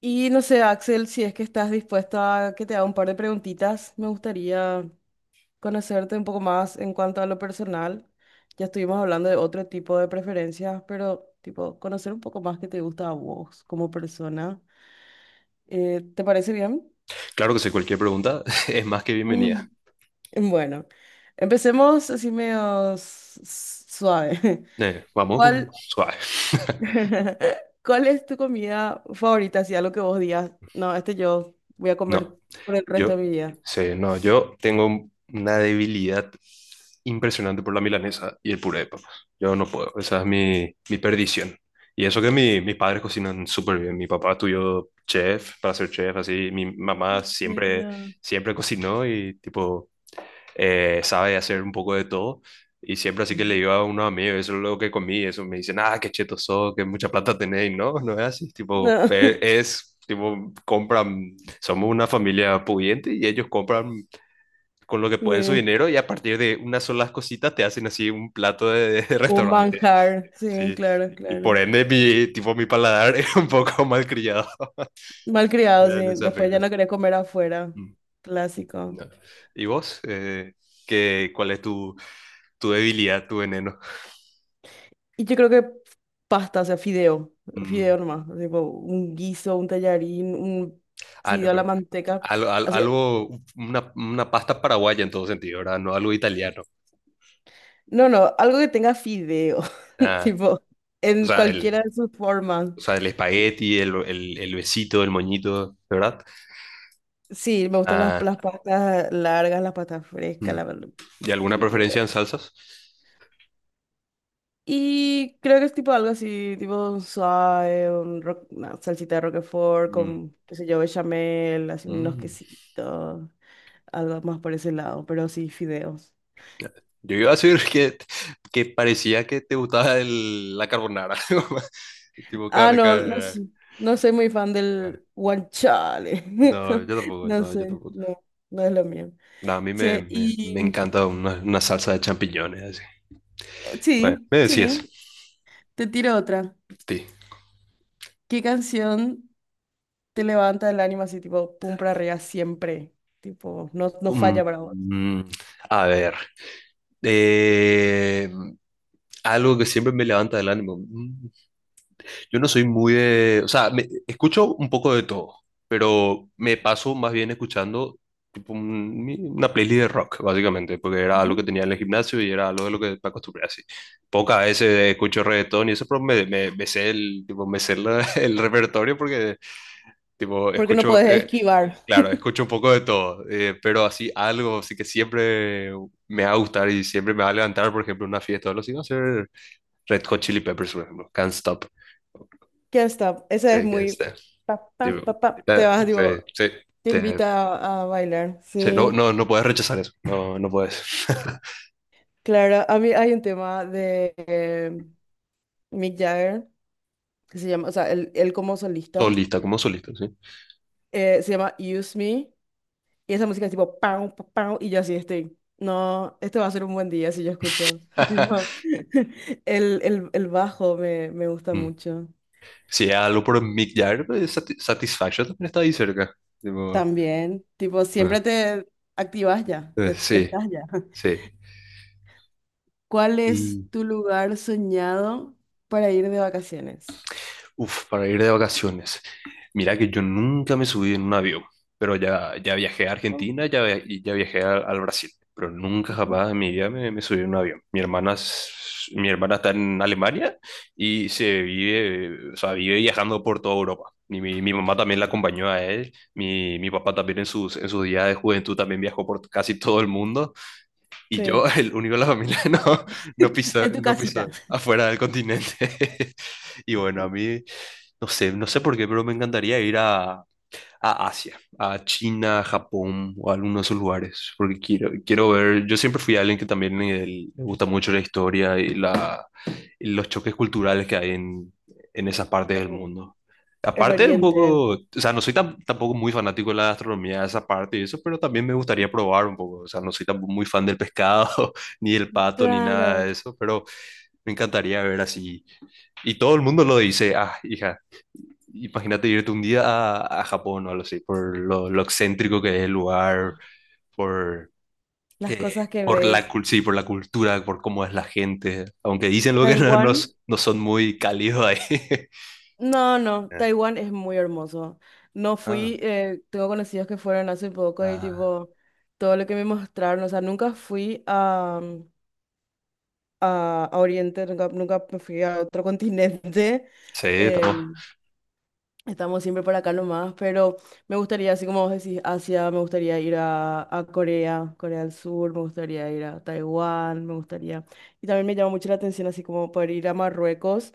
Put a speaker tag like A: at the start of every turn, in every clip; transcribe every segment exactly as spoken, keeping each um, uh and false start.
A: Y no sé, Axel, si es que estás dispuesto a que te haga un par de preguntitas, me gustaría conocerte un poco más en cuanto a lo personal. Ya estuvimos hablando de otro tipo de preferencias, pero tipo, conocer un poco más qué te gusta a vos como persona. Eh, ¿te parece bien?
B: Claro que sí, cualquier pregunta es más que
A: Mm.
B: bienvenida.
A: Bueno, empecemos así medio s- s- suave.
B: Eh, vamos con
A: ¿Cuál,
B: suave.
A: ¿Cuál es tu comida favorita? Si algo que vos digas, no, este yo voy a
B: No,
A: comer por el resto
B: yo
A: de mi vida.
B: sí, no, yo tengo un- una debilidad impresionante por la milanesa y el puré de papas. Yo no puedo, esa es mi, mi perdición. Y eso que mi- mis padres cocinan súper bien. Mi papá estudió chef, para ser chef, así. Mi mamá siempre,
A: ¿Serio?
B: siempre cocinó y tipo eh, sabe hacer un poco de todo. Y siempre así que le
A: Ujú.
B: digo a unos amigos, eso es lo que comí, eso me dicen, ah, qué cheto sos, que mucha plata tenéis, ¿no? No es así, tipo, e-
A: No,
B: es, tipo, compran, somos una familia pudiente y ellos compran con lo que pueden su
A: sí.
B: dinero y a partir de unas solas cositas te hacen así un plato de, de
A: Un
B: restaurante,
A: bancar, sí,
B: sí.
A: claro,
B: Y por
A: claro.
B: ende, mi, tipo, mi paladar es un poco malcriado
A: Malcriado,
B: en
A: sí.
B: ese
A: Después ya
B: aspecto.
A: no quería comer afuera.
B: Mm,
A: Clásico.
B: no. ¿Y vos? Eh, ¿qué, cuál es tu, tu debilidad, tu veneno?
A: Y yo creo que pasta, o sea, fideo. Fideo
B: Mm.
A: nomás. Tipo, un guiso, un tallarín, un
B: Ah, no,
A: fideo a la
B: pero
A: manteca.
B: al- al-
A: O sea,
B: algo, una, una pasta paraguaya en todo sentido, ¿verdad? No algo italiano.
A: no, no, algo que tenga fideo.
B: Ah,
A: Tipo,
B: o
A: en
B: sea,
A: cualquiera
B: el,
A: de sus formas.
B: o sea, el espagueti, el, el, el besito, el moñito, ¿verdad?
A: Sí, me gustan las,
B: Ah,
A: las pastas largas, las pastas frescas,
B: mm.
A: la,
B: ¿Y alguna preferencia
A: fideo.
B: en salsas?
A: Y creo que es tipo algo así, tipo un suave, un ro- una salsita de Roquefort
B: Mm,
A: con, qué sé yo, bechamel, así unos
B: mm.
A: quesitos, algo más por ese lado, pero sí, fideos.
B: Yo iba a decir que, que parecía que te gustaba el, la carbonara. Tipo,
A: Ah,
B: car-
A: no, no, s-
B: car-
A: no soy muy fan del guanciale.
B: no, yo tampoco,
A: No
B: no, yo
A: sé,
B: tampoco.
A: no, no es lo mío.
B: No, a mí me,
A: Che,
B: me, me
A: y
B: encanta una, una salsa de champiñones, así.
A: eh,
B: Bueno,
A: sí,
B: me decías,
A: sí, te tiro otra.
B: sí.
A: ¿Qué canción te levanta el ánimo así, tipo, pum para arriba siempre? Tipo, no, no
B: Mm,
A: falla para
B: mm, a ver, eh, algo que siempre me levanta el ánimo. Mm, Yo no soy muy de, o sea, me- escucho un poco de todo, pero me paso más bien escuchando tipo, un- mi- una playlist de rock, básicamente, porque era algo que
A: vos.
B: tenía en el gimnasio y era algo de lo que me acostumbré así. Pocas veces escucho reggaetón y eso, pero me, me, me sé el, tipo, me sé la- el repertorio porque tipo,
A: Porque no
B: escucho,
A: puedes
B: eh,
A: esquivar.
B: claro, escucho un poco de todo, eh, pero así algo, así que siempre me va a gustar y siempre me va a levantar, por ejemplo, una fiesta o algo así, va a ser Red Hot Chili Peppers, por ejemplo, Can't Stop.
A: Ya está, esa es
B: Sí, Can't
A: muy...
B: Stop.
A: Pa, pa,
B: Tipo,
A: pa, pa, te vas,
B: eh,
A: digo,
B: sí, sí,
A: te
B: te-
A: invita a, a bailar.
B: sí, no,
A: Sí,
B: no, no puedes rechazar eso, no, no puedes.
A: claro, a mí hay un tema de eh, Mick Jagger, que se llama, o sea, él, él como solista,
B: Solista, como solista, sí.
A: eh, se llama Use Me, y esa música es tipo, pam, pam, pam, y yo así estoy. No, este va a ser un buen día si yo escucho. Tipo, el, el, el bajo me, me gusta
B: Mm.
A: mucho.
B: Si es algo por Mick Jagger, pues, Sati- Satisfaction también está ahí cerca. Tipo,
A: También, tipo,
B: eh,
A: siempre te activas ya,
B: eh,
A: ya, ya
B: sí,
A: estás ya.
B: sí.
A: ¿Cuál es tu lugar soñado para ir de vacaciones?
B: Uf, para ir de vacaciones. Mira que yo nunca me subí en un avión, pero ya, ya viajé a
A: Oh,
B: Argentina ya, via- y ya viajé a- al Brasil, pero nunca
A: ujú.
B: jamás en mi vida me, me subí en un avión. Mi hermana, es- mi hermana está en Alemania y se vive, o sea, vive viajando por toda Europa. Y mi, mi mamá también la acompañó a él, mi, mi papá también en sus, en sus días de juventud también viajó por casi todo el mundo. Y yo,
A: Sí.
B: el único de la familia, no, no piso,
A: En tu
B: no
A: casita.
B: piso afuera del continente. Y bueno, a mí, no sé, no sé por qué, pero me encantaría ir a, a Asia, a China, Japón o a alguno de esos lugares, porque quiero, quiero ver, yo siempre fui alguien que también eh, le gusta mucho la historia y, la, y los choques culturales que hay en, en esas partes del
A: En,
B: mundo.
A: en
B: Aparte, un
A: Oriente.
B: poco, o sea, no soy tam- tampoco muy fanático de la gastronomía, de esa parte y eso, pero también me gustaría probar un poco, o sea, no soy tampoco muy fan del pescado, ni del pato, ni nada de
A: Claro.
B: eso, pero me encantaría ver así. Y todo el mundo lo dice, ah, hija, imagínate irte un día a, a Japón o algo así, por lo, lo excéntrico que es el lugar, por,
A: Las
B: eh,
A: cosas que
B: por la,
A: ves.
B: cul- sí, por la cultura, por cómo es la gente, aunque dicen lo que no, no, s-
A: Taiwán.
B: no son muy cálidos ahí.
A: No, no.
B: Eh,
A: Taiwán es muy hermoso. No
B: ah,
A: fui. Eh, tengo conocidos que fueron hace poco y
B: ah,
A: tipo todo lo que me mostraron. O sea, nunca fui a, a, a Oriente. Nunca, nunca me fui a otro continente.
B: sí, estamos.
A: Em, Estamos siempre por acá nomás, pero me gustaría, así como vos decís, Asia, me gustaría ir a, a Corea, Corea del Sur, me gustaría ir a Taiwán, me gustaría. Y también me llama mucho la atención, así como poder ir a Marruecos,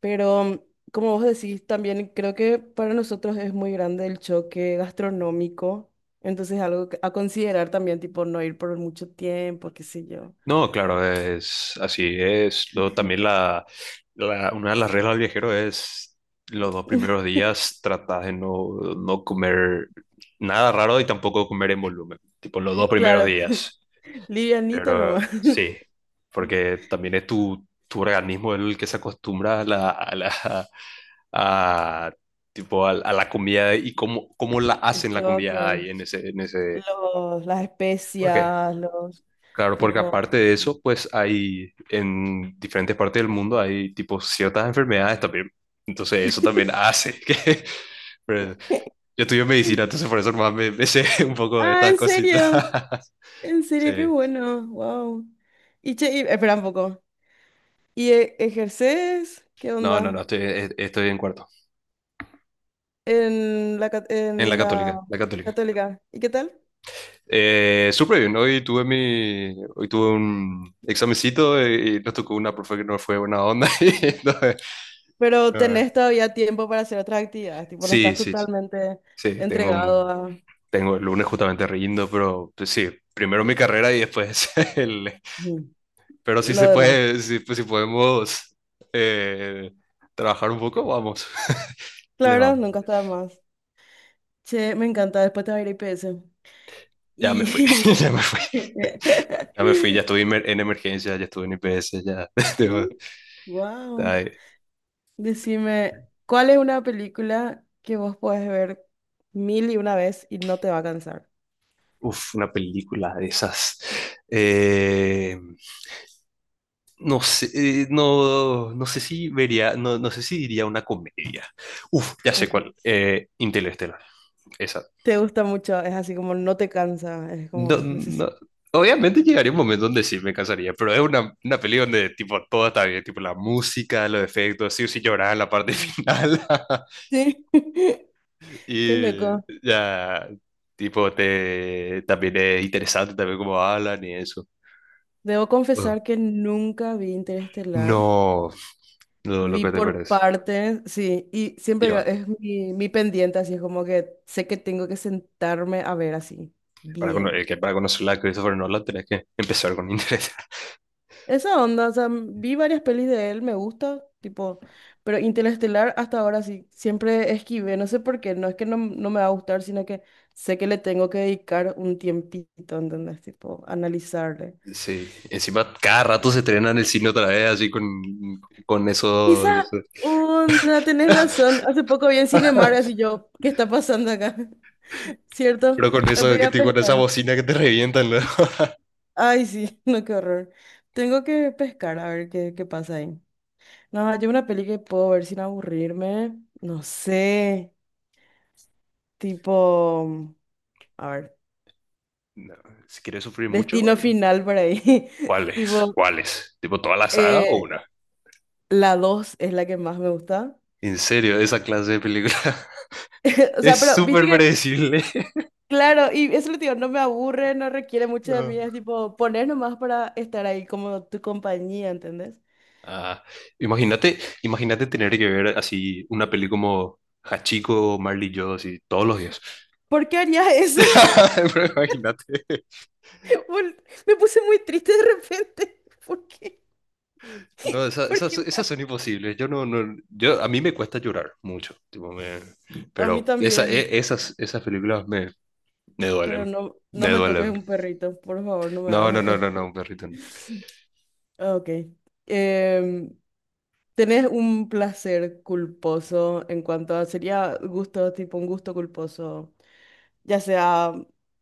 A: pero como vos decís, también creo que para nosotros es muy grande el choque gastronómico, entonces algo que- a considerar también, tipo no ir por mucho tiempo, qué sé yo.
B: No, claro, es así, es lo, también la, la- una de las reglas del viajero es los dos primeros días tratar de no, no comer nada raro y tampoco comer en volumen, tipo los dos primeros
A: Claro,
B: días.
A: livianito
B: Pero
A: nomás.
B: sí, porque también es tu, tu organismo el que se acostumbra a la, a la, a, tipo, a, a la comida y cómo, cómo la
A: El
B: hacen la comida
A: choque.
B: ahí en ese, en ese...
A: Los, las
B: ¿Por qué?
A: especias, los
B: Claro, porque
A: tipo.
B: aparte de eso, pues hay en diferentes partes del mundo hay tipo ciertas enfermedades también. Entonces eso también hace que... Pero yo estudio medicina, entonces por eso más me, me sé un poco de
A: Ah,
B: estas
A: ¿en
B: cositas.
A: serio? ¿En
B: Sí.
A: serio? Qué bueno, wow. Y che, y- espera un poco. ¿Y e- ejerces? ¿Qué
B: No, no, no,
A: onda?
B: estoy, e-, estoy en cuarto,
A: En la, ca-
B: en la
A: en
B: católica,
A: la
B: la católica.
A: católica. ¿Y qué tal?
B: Eh, súper bien, hoy tuve mi, hoy tuve un examencito y, y nos tocó una profe que no fue buena onda. Y entonces,
A: Pero
B: eh,
A: tenés todavía tiempo para hacer otras actividades, tipo, no
B: sí,
A: estás
B: sí, sí,
A: totalmente
B: sí, tengo
A: entregado
B: un,
A: a...
B: tengo el lunes justamente riendo, pero pues, sí, primero mi carrera y después el...
A: Ujú.
B: Pero si
A: Lo
B: se
A: demás.
B: puede, si, pues, si podemos eh, trabajar un poco, vamos, le
A: Claro,
B: vamos.
A: nunca está de más. Che, me encanta, después te va a ir a I P S.
B: Ya me fui,
A: Y
B: ya me fui, ya me fui, ya estuve en emer- en emergencia, ya estuve en I P S, ya...
A: wow.
B: tengo-
A: Decime, ¿cuál es una película que vos podés ver mil y una vez y no te va a cansar?
B: Uf, una película de esas. Eh, no sé, eh, no, no sé si vería, no, no sé si diría una comedia. Uf, ya sé
A: Ujú.
B: cuál. Eh, Interestelar. Esa.
A: Te gusta mucho, es así como no te cansa, es
B: No,
A: como
B: no-
A: necesito.
B: obviamente llegaría un momento donde sí me cansaría, pero es una, una peli donde tipo todo está bien, tipo la música, los efectos, sí o sí llorar en la parte final.
A: Sí. Qué
B: Y
A: loco.
B: ya, tipo, te, también es interesante también cómo hablan y eso.
A: Debo
B: Uh.
A: confesar que nunca vi Interestelar.
B: No, lo, lo
A: Vi
B: que te
A: por
B: parece.
A: partes, sí, y
B: Y
A: siempre digo,
B: va,
A: es mi, mi pendiente, así es como que sé que tengo que sentarme a ver así,
B: para, cono- eh,
A: bien.
B: que para conocerla a Christopher Nolan tenés que empezar con interés
A: Esa onda, o sea, vi varias pelis de él, me gusta, tipo, pero Interestelar hasta ahora sí, siempre esquivé, no sé por qué, no es que no, no me va a gustar, sino que sé que le tengo que dedicar un tiempito, ¿entendés? Tipo, analizarle.
B: sí, encima cada rato se estrenan en el cine otra vez, así con, con esos,
A: Esa onda, tenés razón, hace poco vi en Cinemark, así yo, ¿qué está pasando acá?
B: pero
A: ¿Cierto?
B: con
A: Eh,
B: eso
A: Voy
B: que
A: a
B: te- con esa
A: pescar.
B: bocina que te revientan, ¿no?
A: Ay, sí, no, qué horror. Tengo que pescar a ver qué, qué pasa ahí. No, yo una peli que puedo ver sin aburrirme, no sé. Tipo, a ver,
B: No, si quieres sufrir
A: Destino
B: mucho,
A: Final por ahí.
B: ¿cuáles?
A: Tipo,
B: ¿Cuáles? ¿Tipo toda la saga o
A: eh,
B: una?
A: la dos es la que más me gusta.
B: En serio, esa clase de película
A: O
B: es
A: sea, pero viste
B: súper
A: sí. Que,
B: predecible.
A: claro, y eso lo digo, no me aburre, no requiere mucho de mí,
B: Ah,
A: es tipo poner nomás para estar ahí como tu compañía, ¿entendés?
B: ah, imagínate, imagínate tener que ver así una peli como Hachiko, o Marley y yo, así todos los días.
A: ¿Por qué harías eso?
B: Pero imagínate.
A: Bol- me puse muy triste de repente. ¿Por qué?
B: No, esa-
A: ¿Por
B: esas,
A: qué me
B: esas son imposibles. Yo no, no, yo, a mí me cuesta llorar mucho. Tipo, me-
A: ha- A mí
B: pero esa,
A: también,
B: e- esas, esas películas me, me
A: pero
B: duelen.
A: no,
B: Me
A: no me toques
B: duelen.
A: un perrito, por favor, no me
B: No, no,
A: hagas
B: no, no,
A: esto.
B: no, perrito. No.
A: Ah, ok. Em, ¿Tenés un placer culposo en cuanto a, sería gusto, tipo un gusto culposo, ya sea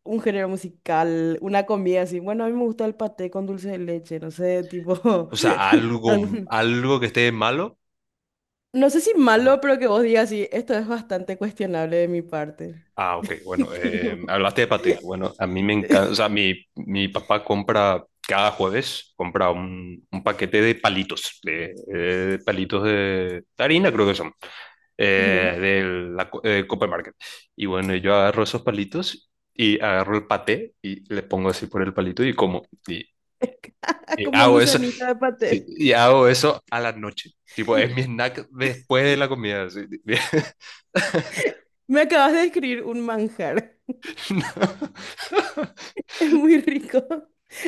A: un género musical, una comida así? Bueno, a mí me gusta el paté con dulce de leche, no sé, tipo
B: O sea, algo,
A: algún...
B: algo que esté malo.
A: No sé si
B: O
A: malo,
B: sea,
A: pero que vos digas, sí, esto es bastante cuestionable de mi parte.
B: ah, ok, bueno, eh,
A: Tipo,
B: hablaste de paté. Bueno, a mí me encanta, o sea, mi, mi papá compra cada jueves, compra un, un paquete de palitos, de, de palitos de harina, creo que son, eh,
A: sí.
B: de la co- eh, Copper Market. Y bueno, yo agarro esos palitos y agarro el paté y le pongo así por el palito y como, y, y
A: Como un
B: hago eso,
A: gusanito de
B: sí,
A: paté.
B: y hago eso a la noche. Tipo, es mi snack después de la comida. Así.
A: Me acabas de describir un manjar. Es muy rico.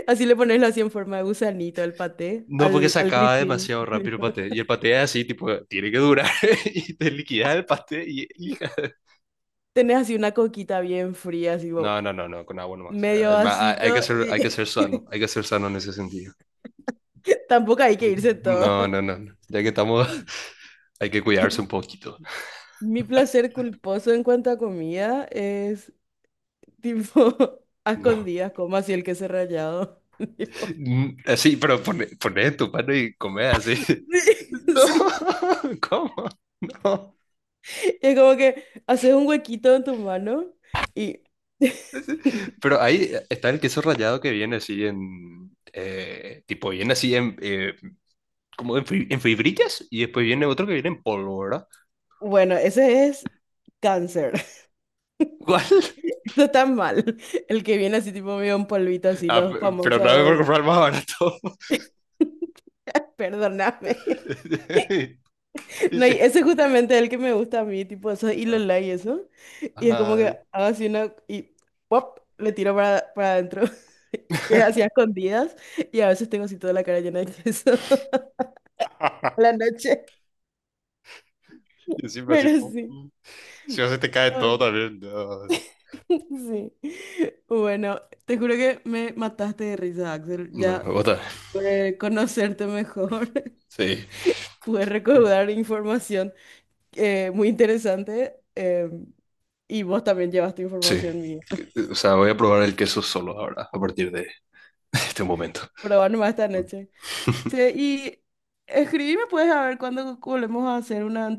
A: Así le pones así en forma de gusanito al paté,
B: No, porque
A: al,
B: se
A: al
B: acaba
A: grisín.
B: demasiado rápido el paté. Y el paté es así, tipo, tiene que durar y te liquidas el paté y hija.
A: Tenés así una coquita bien fría, así
B: No,
A: bo-
B: no, no, no, con agua nomás.
A: medio
B: Ah, va, hay hay
A: vasito
B: que ser, hay que
A: y
B: ser sano, hay que ser sano en ese sentido.
A: tampoco hay que
B: Hay que-
A: irse todo.
B: No, no, no, no. Ya que estamos, hay que cuidarse un poquito.
A: Mi placer culposo en cuanto a comida es tipo a
B: No.
A: escondidas, como así el queso rallado. Tipo,
B: Mm, así, pero pone, pone en tu mano y come así.
A: sí,
B: No,
A: sí.
B: ¿cómo? No.
A: Es como que haces un huequito en tu mano y
B: Pero ahí está el queso rallado que viene así en, eh, tipo, viene así en, eh, como en, fi- en fibrillas y después viene otro que viene en polvo, ¿verdad?
A: bueno, ese es cáncer.
B: ¿Cuál?
A: Está tan mal. El que viene así tipo medio un polvito, así
B: Ah,
A: los
B: p- pero no me voy a
A: famosos.
B: comprar más barato.
A: Perdóname. No,
B: Sí.
A: y ese es justamente el que me gusta a mí, tipo eso, y lo y eso. Y es como que
B: Ah,
A: hago así una y pop, le tiro para, para adentro. Y es así a escondidas. Y a veces tengo así toda la cara llena de queso a la noche.
B: y encima así,
A: Pero
B: po,
A: sí.
B: si no se te cae todo
A: Ay,
B: también. No,
A: sí. Bueno, te juro que me mataste de risa, Axel.
B: no,
A: Ya
B: bota.
A: pude conocerte mejor.
B: Sí.
A: Pude recaudar información. Eh, muy interesante. Em, y vos también llevaste
B: Sí.
A: información mía.
B: O sea, voy a probar el queso solo ahora, a partir de este momento.
A: Pero bueno, más esta noche. Che, y escribime, puedes a ver cuándo volvemos a hacer una